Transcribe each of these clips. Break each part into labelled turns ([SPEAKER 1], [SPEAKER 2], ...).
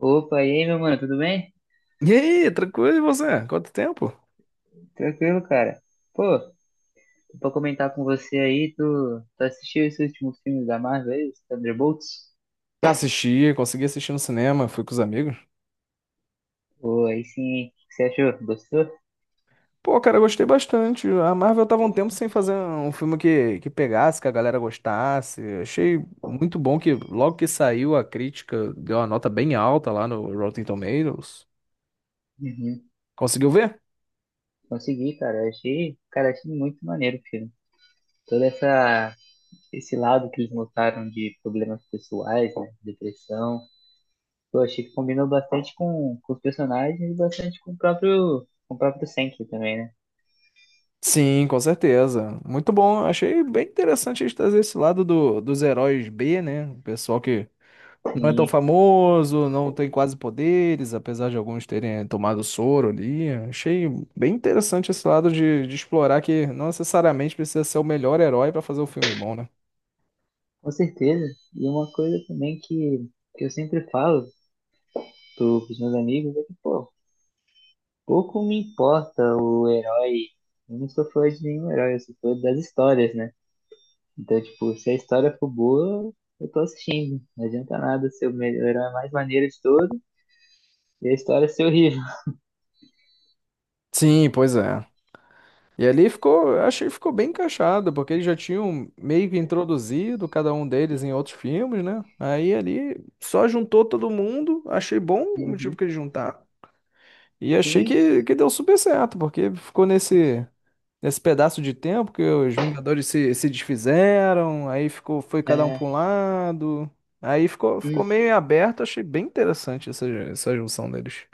[SPEAKER 1] Opa, e aí, meu mano, tudo bem?
[SPEAKER 2] E aí, tranquilo, e você? Quanto tempo?
[SPEAKER 1] Tranquilo, cara. Pô, tô pra comentar com você aí, tu assistiu esse último filme da Marvel aí, os Thunderbolts?
[SPEAKER 2] Assisti, consegui assistir no cinema, fui com os amigos.
[SPEAKER 1] Pô, aí sim, hein? O que você achou? Gostou?
[SPEAKER 2] Pô, cara, eu gostei bastante. A Marvel tava um tempo sem fazer um filme que pegasse, que a galera gostasse. Achei muito bom que logo que saiu a crítica deu uma nota bem alta lá no Rotten Tomatoes.
[SPEAKER 1] Uhum.
[SPEAKER 2] Conseguiu ver?
[SPEAKER 1] Consegui, cara. Eu achei muito maneiro o filme. Todo essa, Esse lado que eles mostraram de problemas pessoais, né, depressão. Pô, achei que combinou bastante com os personagens e bastante com o próprio Sentry também, né?
[SPEAKER 2] Sim, com certeza. Muito bom. Achei bem interessante eles trazer esse lado dos heróis B, né? O pessoal que não é tão
[SPEAKER 1] E,
[SPEAKER 2] famoso, não tem quase poderes, apesar de alguns terem tomado soro ali. Achei bem interessante esse lado de explorar que não necessariamente precisa ser o melhor herói pra fazer um filme bom, né?
[SPEAKER 1] Com certeza. E uma coisa também que eu sempre falo pros meus amigos é que, pô, pouco me importa o herói. Eu não sou fã de nenhum herói, eu sou fã das histórias, né? Então, tipo, se a história for boa, eu tô assistindo. Não adianta nada ser o melhor herói mais maneiro de todo e a história ser horrível.
[SPEAKER 2] Sim, pois é. E ali ficou, achei que ficou bem encaixado, porque eles já tinham meio que introduzido cada um deles em outros filmes, né? Aí ali só juntou todo mundo, achei bom o motivo
[SPEAKER 1] Uhum.
[SPEAKER 2] que eles juntaram. E achei
[SPEAKER 1] Sim,
[SPEAKER 2] que deu super certo, porque ficou nesse. Nesse pedaço de tempo que os Vingadores se desfizeram, aí ficou, foi cada um
[SPEAKER 1] é,
[SPEAKER 2] para um lado. Aí ficou
[SPEAKER 1] hum,
[SPEAKER 2] meio aberto, achei bem interessante essa junção deles.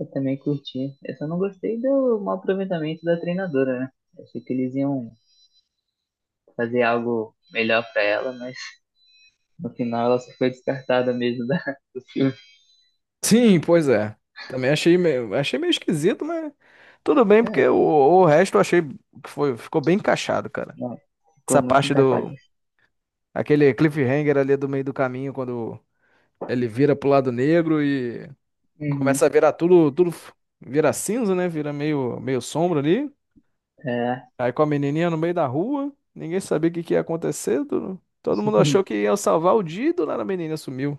[SPEAKER 1] eu também curti. Eu só não gostei do mau aproveitamento da treinadora, né? Achei que eles iam fazer algo melhor pra ela, mas no final ela só foi descartada mesmo do filme.
[SPEAKER 2] Sim, pois é. Também achei meio esquisito, mas tudo bem, porque
[SPEAKER 1] É,
[SPEAKER 2] o resto eu achei que foi, ficou bem encaixado, cara.
[SPEAKER 1] não, ficou
[SPEAKER 2] Essa
[SPEAKER 1] muito
[SPEAKER 2] parte do,
[SPEAKER 1] encaixadinho.
[SPEAKER 2] aquele cliffhanger ali do meio do caminho, quando ele vira pro lado negro e começa
[SPEAKER 1] Uhum.
[SPEAKER 2] a virar tudo, vira cinza, né? Vira meio, meio sombra ali.
[SPEAKER 1] É.
[SPEAKER 2] Aí com a menininha no meio da rua, ninguém sabia o que que ia acontecer. Todo mundo achou que ia salvar o dia e do nada a menina sumiu.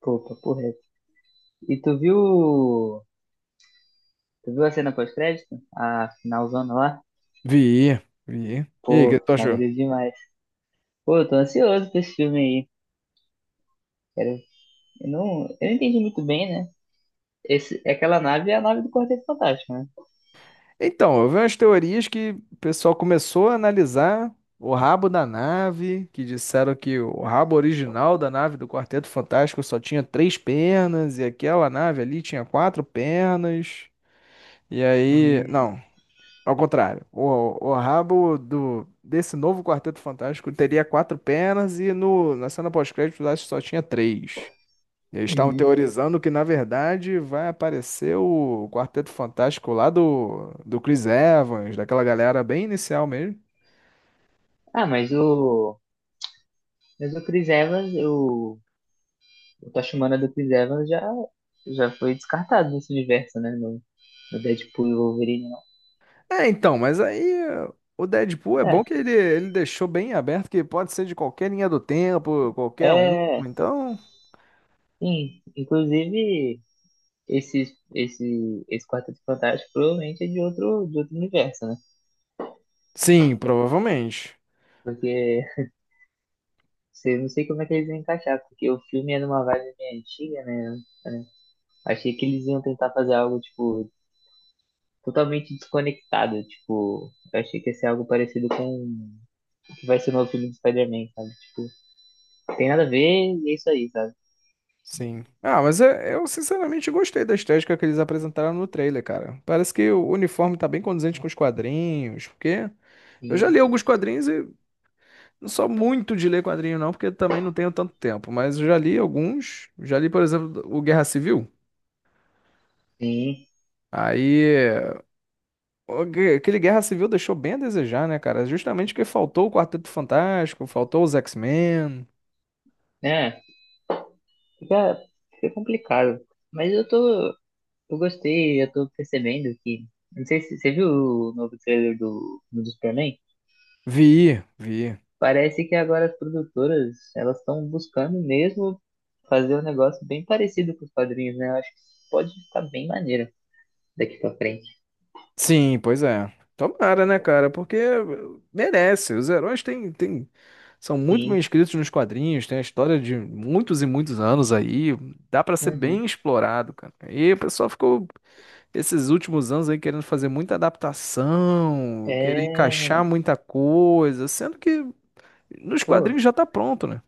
[SPEAKER 1] Pô, papo reto. E tu viu. Tu viu a cena pós-crédito? A finalzona lá?
[SPEAKER 2] Vi, vi. E aí, o
[SPEAKER 1] Pô,
[SPEAKER 2] que tu achou?
[SPEAKER 1] maneiro demais. Pô, eu tô ansioso pra esse filme aí. Quero- eu não entendi muito bem, né? Esse, aquela nave é a nave do Quarteto Fantástico, né?
[SPEAKER 2] Então, eu vi umas teorias que o pessoal começou a analisar o rabo da nave, que disseram que o rabo original da nave do Quarteto Fantástico só tinha três pernas, e aquela nave ali tinha quatro pernas. E aí,
[SPEAKER 1] Uhum.
[SPEAKER 2] não. Ao contrário, o rabo desse novo Quarteto Fantástico teria quatro pernas e no, na cena pós-crédito lá só tinha três. Eles estavam
[SPEAKER 1] Uhum.
[SPEAKER 2] teorizando que, na verdade, vai aparecer o Quarteto Fantástico lá do Chris Evans, daquela galera bem inicial mesmo.
[SPEAKER 1] Ah, mas o. Mas o Chris Evans, o Tachumana do Chris Evans já foi descartado nesse universo, né? No, no Deadpool e Wolverine, não.
[SPEAKER 2] É, então, mas aí, o Deadpool é bom que ele deixou bem aberto que pode ser de qualquer linha do tempo, qualquer um.
[SPEAKER 1] É, é,
[SPEAKER 2] Então,
[SPEAKER 1] sim. Inclusive, esse Quarteto Fantástico provavelmente é de outro universo, né?
[SPEAKER 2] sim, provavelmente.
[SPEAKER 1] Porque eu não sei como é que eles vão encaixar, porque o filme é numa vibe meio antiga, né? É, achei que eles iam tentar fazer algo, tipo, totalmente desconectado, tipo, eu achei que ia ser algo parecido com o que vai ser o novo filme do Spider-Man, sabe? Tipo, tem nada a ver e é isso aí, sabe?
[SPEAKER 2] Sim. Ah, mas eu sinceramente gostei da estética que eles apresentaram no trailer, cara. Parece que o uniforme tá bem condizente com os quadrinhos, porque eu já
[SPEAKER 1] Sim,
[SPEAKER 2] li alguns quadrinhos e não sou muito de ler quadrinho não, porque também não tenho tanto tempo, mas eu já li alguns. Já li, por exemplo, o Guerra Civil.
[SPEAKER 1] sim.
[SPEAKER 2] Aí, aquele Guerra Civil deixou bem a desejar, né, cara? Justamente porque faltou o Quarteto Fantástico, faltou os X-Men.
[SPEAKER 1] É, fica, fica complicado. Mas eu tô, eu gostei, eu tô percebendo que, não sei se você viu o novo trailer do, do Superman?
[SPEAKER 2] Vi, vi.
[SPEAKER 1] Parece que agora as produtoras, elas estão buscando mesmo fazer um negócio bem parecido com os quadrinhos, né? Eu acho que pode ficar bem maneiro daqui pra frente.
[SPEAKER 2] Sim, pois é. Tomara, né, cara? Porque merece. Os heróis são muito bem
[SPEAKER 1] Sim.
[SPEAKER 2] escritos nos quadrinhos, tem a história de muitos e muitos anos aí. Dá pra ser
[SPEAKER 1] Uhum.
[SPEAKER 2] bem explorado, cara. E o pessoal ficou esses últimos anos aí querendo fazer muita adaptação, querer
[SPEAKER 1] É,
[SPEAKER 2] encaixar muita coisa, sendo que nos
[SPEAKER 1] pô,
[SPEAKER 2] quadrinhos já tá pronto, né?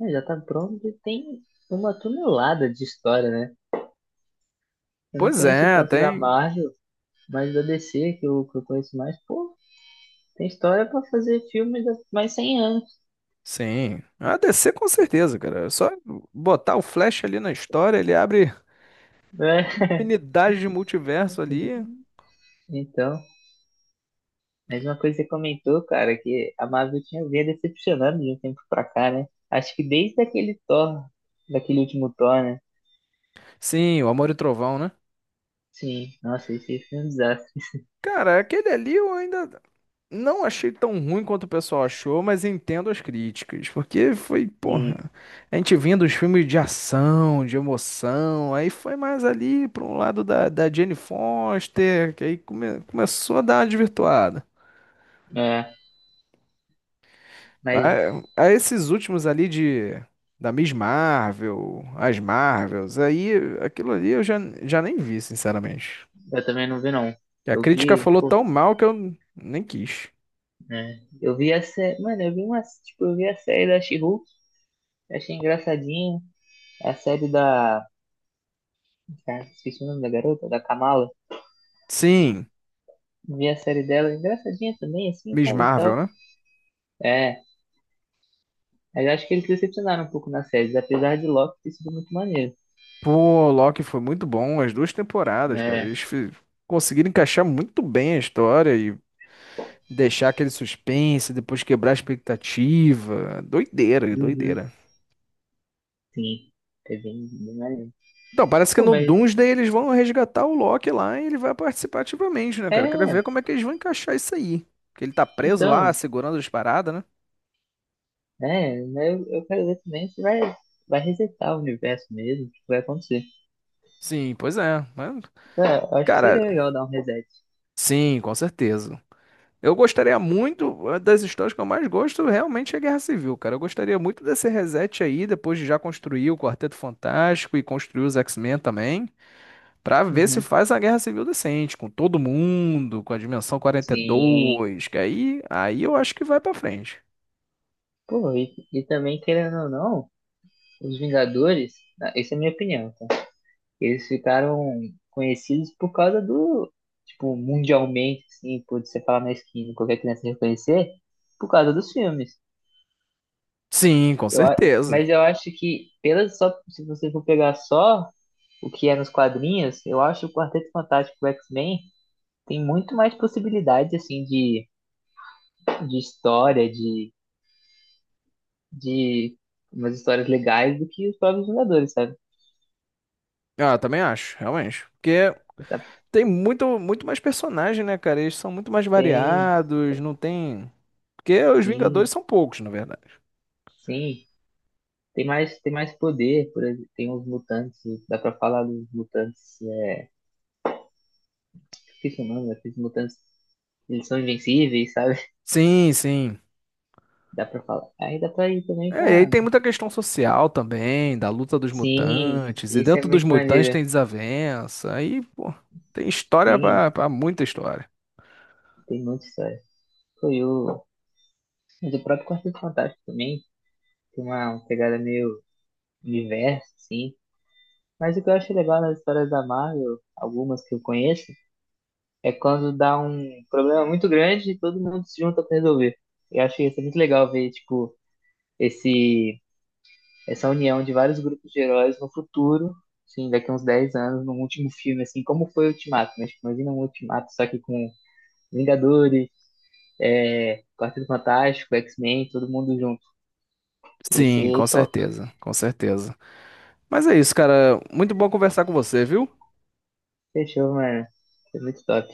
[SPEAKER 1] é, já tá pronto e tem uma tonelada de história, né? Eu não
[SPEAKER 2] Pois
[SPEAKER 1] conheço
[SPEAKER 2] é,
[SPEAKER 1] tanto da
[SPEAKER 2] tem.
[SPEAKER 1] Marvel, mas da DC, que eu conheço mais, pô, tem história pra fazer filme de mais 100 anos.
[SPEAKER 2] Sim. A DC com certeza, cara. É só botar o Flash ali na história, ele abre.
[SPEAKER 1] Né?
[SPEAKER 2] Infinidade de multiverso ali.
[SPEAKER 1] Então, mais uma coisa que você comentou, cara, que a Marvel tinha vindo decepcionando de um tempo pra cá, né? Acho que desde aquele Thor, daquele último Thor, né?
[SPEAKER 2] Sim, o Amor e Trovão, né?
[SPEAKER 1] Sim, nossa, esse filme é um desastre.
[SPEAKER 2] Cara, aquele ali eu ainda não achei tão ruim quanto o pessoal achou, mas entendo as críticas, porque foi,
[SPEAKER 1] Sim,
[SPEAKER 2] porra, a gente vinha dos filmes de ação, de emoção, aí foi mais ali para um lado da Jane Foster, que aí começou a dar uma desvirtuada.
[SPEAKER 1] é, mas
[SPEAKER 2] A esses últimos ali de da Miss Marvel, as Marvels, aí aquilo ali eu já nem vi, sinceramente.
[SPEAKER 1] eu também não vi, não.
[SPEAKER 2] Que a
[SPEAKER 1] Eu
[SPEAKER 2] crítica
[SPEAKER 1] vi,
[SPEAKER 2] falou
[SPEAKER 1] pô,
[SPEAKER 2] tão mal que eu nem quis.
[SPEAKER 1] né? Eu vi a série, mano, eu vi a série da She-Hulk, achei engraçadinho. A série da, Cara, esqueci o nome da garota, da Kamala.
[SPEAKER 2] Sim,
[SPEAKER 1] Vi a série dela, engraçadinha também, assim,
[SPEAKER 2] Miss
[SPEAKER 1] sabe, e
[SPEAKER 2] Marvel,
[SPEAKER 1] tal.
[SPEAKER 2] né?
[SPEAKER 1] É, mas acho que eles decepcionaram um pouco na série, apesar de Loki ter sido muito maneiro.
[SPEAKER 2] Pô, Loki foi muito bom, as duas temporadas, cara.
[SPEAKER 1] É,
[SPEAKER 2] Conseguiram encaixar muito bem a história e deixar aquele suspense, depois quebrar a expectativa. Doideira,
[SPEAKER 1] uhum,
[SPEAKER 2] doideira.
[SPEAKER 1] sim, é bem, bem maneiro.
[SPEAKER 2] Então, parece que
[SPEAKER 1] Pô,
[SPEAKER 2] no
[SPEAKER 1] mas,
[SPEAKER 2] Doomsday eles vão resgatar o Loki lá e ele vai participar ativamente, né, cara? Quero
[SPEAKER 1] é,
[SPEAKER 2] ver como é que eles vão encaixar isso aí. Porque ele tá preso lá,
[SPEAKER 1] então,
[SPEAKER 2] segurando as paradas, né?
[SPEAKER 1] é, eu quero ver também se vai, vai resetar o universo mesmo, o que vai acontecer.
[SPEAKER 2] Sim, pois é. Mas,
[SPEAKER 1] É, eu acho que
[SPEAKER 2] cara,
[SPEAKER 1] seria legal dar um reset.
[SPEAKER 2] sim, com certeza. Eu gostaria muito, uma das histórias que eu mais gosto realmente é Guerra Civil, cara. Eu gostaria muito desse reset aí, depois de já construir o Quarteto Fantástico e construir os X-Men também, pra ver se
[SPEAKER 1] Uhum,
[SPEAKER 2] faz a Guerra Civil decente, com todo mundo, com a Dimensão
[SPEAKER 1] sim.
[SPEAKER 2] 42, que aí, aí eu acho que vai pra frente.
[SPEAKER 1] Pô, e também, querendo ou não, os Vingadores, ah, essa é a minha opinião, tá? Eles ficaram conhecidos por causa do, tipo, mundialmente, assim, por você falar na esquina, qualquer criança reconhecer, por causa dos filmes.
[SPEAKER 2] Sim, com certeza.
[SPEAKER 1] Mas eu acho que, pelas só, se você for pegar só o que é nos quadrinhos, eu acho o Quarteto Fantástico e o X-Men tem muito mais possibilidades, assim, de história, de umas histórias legais do que os próprios Vingadores, sabe?
[SPEAKER 2] Ah, eu também acho, realmente. Porque tem muito, muito mais personagem, né, cara? Eles são muito mais
[SPEAKER 1] Tem,
[SPEAKER 2] variados, não tem. Porque os
[SPEAKER 1] sim,
[SPEAKER 2] Vingadores são poucos, na verdade.
[SPEAKER 1] sim. Tem mais poder, por exemplo, tem os mutantes, dá pra falar dos mutantes, é, esqueci o nome, aqueles mutantes, eles são invencíveis, sabe?
[SPEAKER 2] Sim, sim.
[SPEAKER 1] Dá pra falar. Aí dá pra ir também
[SPEAKER 2] É, e aí
[SPEAKER 1] pra...
[SPEAKER 2] tem muita questão social também, da luta dos
[SPEAKER 1] Sim,
[SPEAKER 2] mutantes, e
[SPEAKER 1] esse é
[SPEAKER 2] dentro dos
[SPEAKER 1] muito
[SPEAKER 2] mutantes
[SPEAKER 1] maneiro.
[SPEAKER 2] tem desavença, aí, pô, tem história
[SPEAKER 1] Sim,
[SPEAKER 2] pra muita história.
[SPEAKER 1] tem muita história. Foi o... Mas o próprio Quarteto Fantástico também tem uma pegada meio universo, sim. Mas o que eu acho legal nas histórias da Marvel, algumas que eu conheço, é quando dá um problema muito grande e todo mundo se junta pra resolver. Eu acho isso muito legal ver, tipo, esse essa união de vários grupos de heróis no futuro, assim, daqui a uns 10 anos, num último filme, assim, como foi o Ultimato, né? Tipo, imagina um Ultimato só que com Vingadores, é, Quarteto Fantástico, X-Men, todo mundo junto. Ia
[SPEAKER 2] Sim,
[SPEAKER 1] ser
[SPEAKER 2] com
[SPEAKER 1] top.
[SPEAKER 2] certeza, com certeza. Mas é isso, cara. Muito bom conversar com você, viu?
[SPEAKER 1] Fechou, mano. Foi muito top.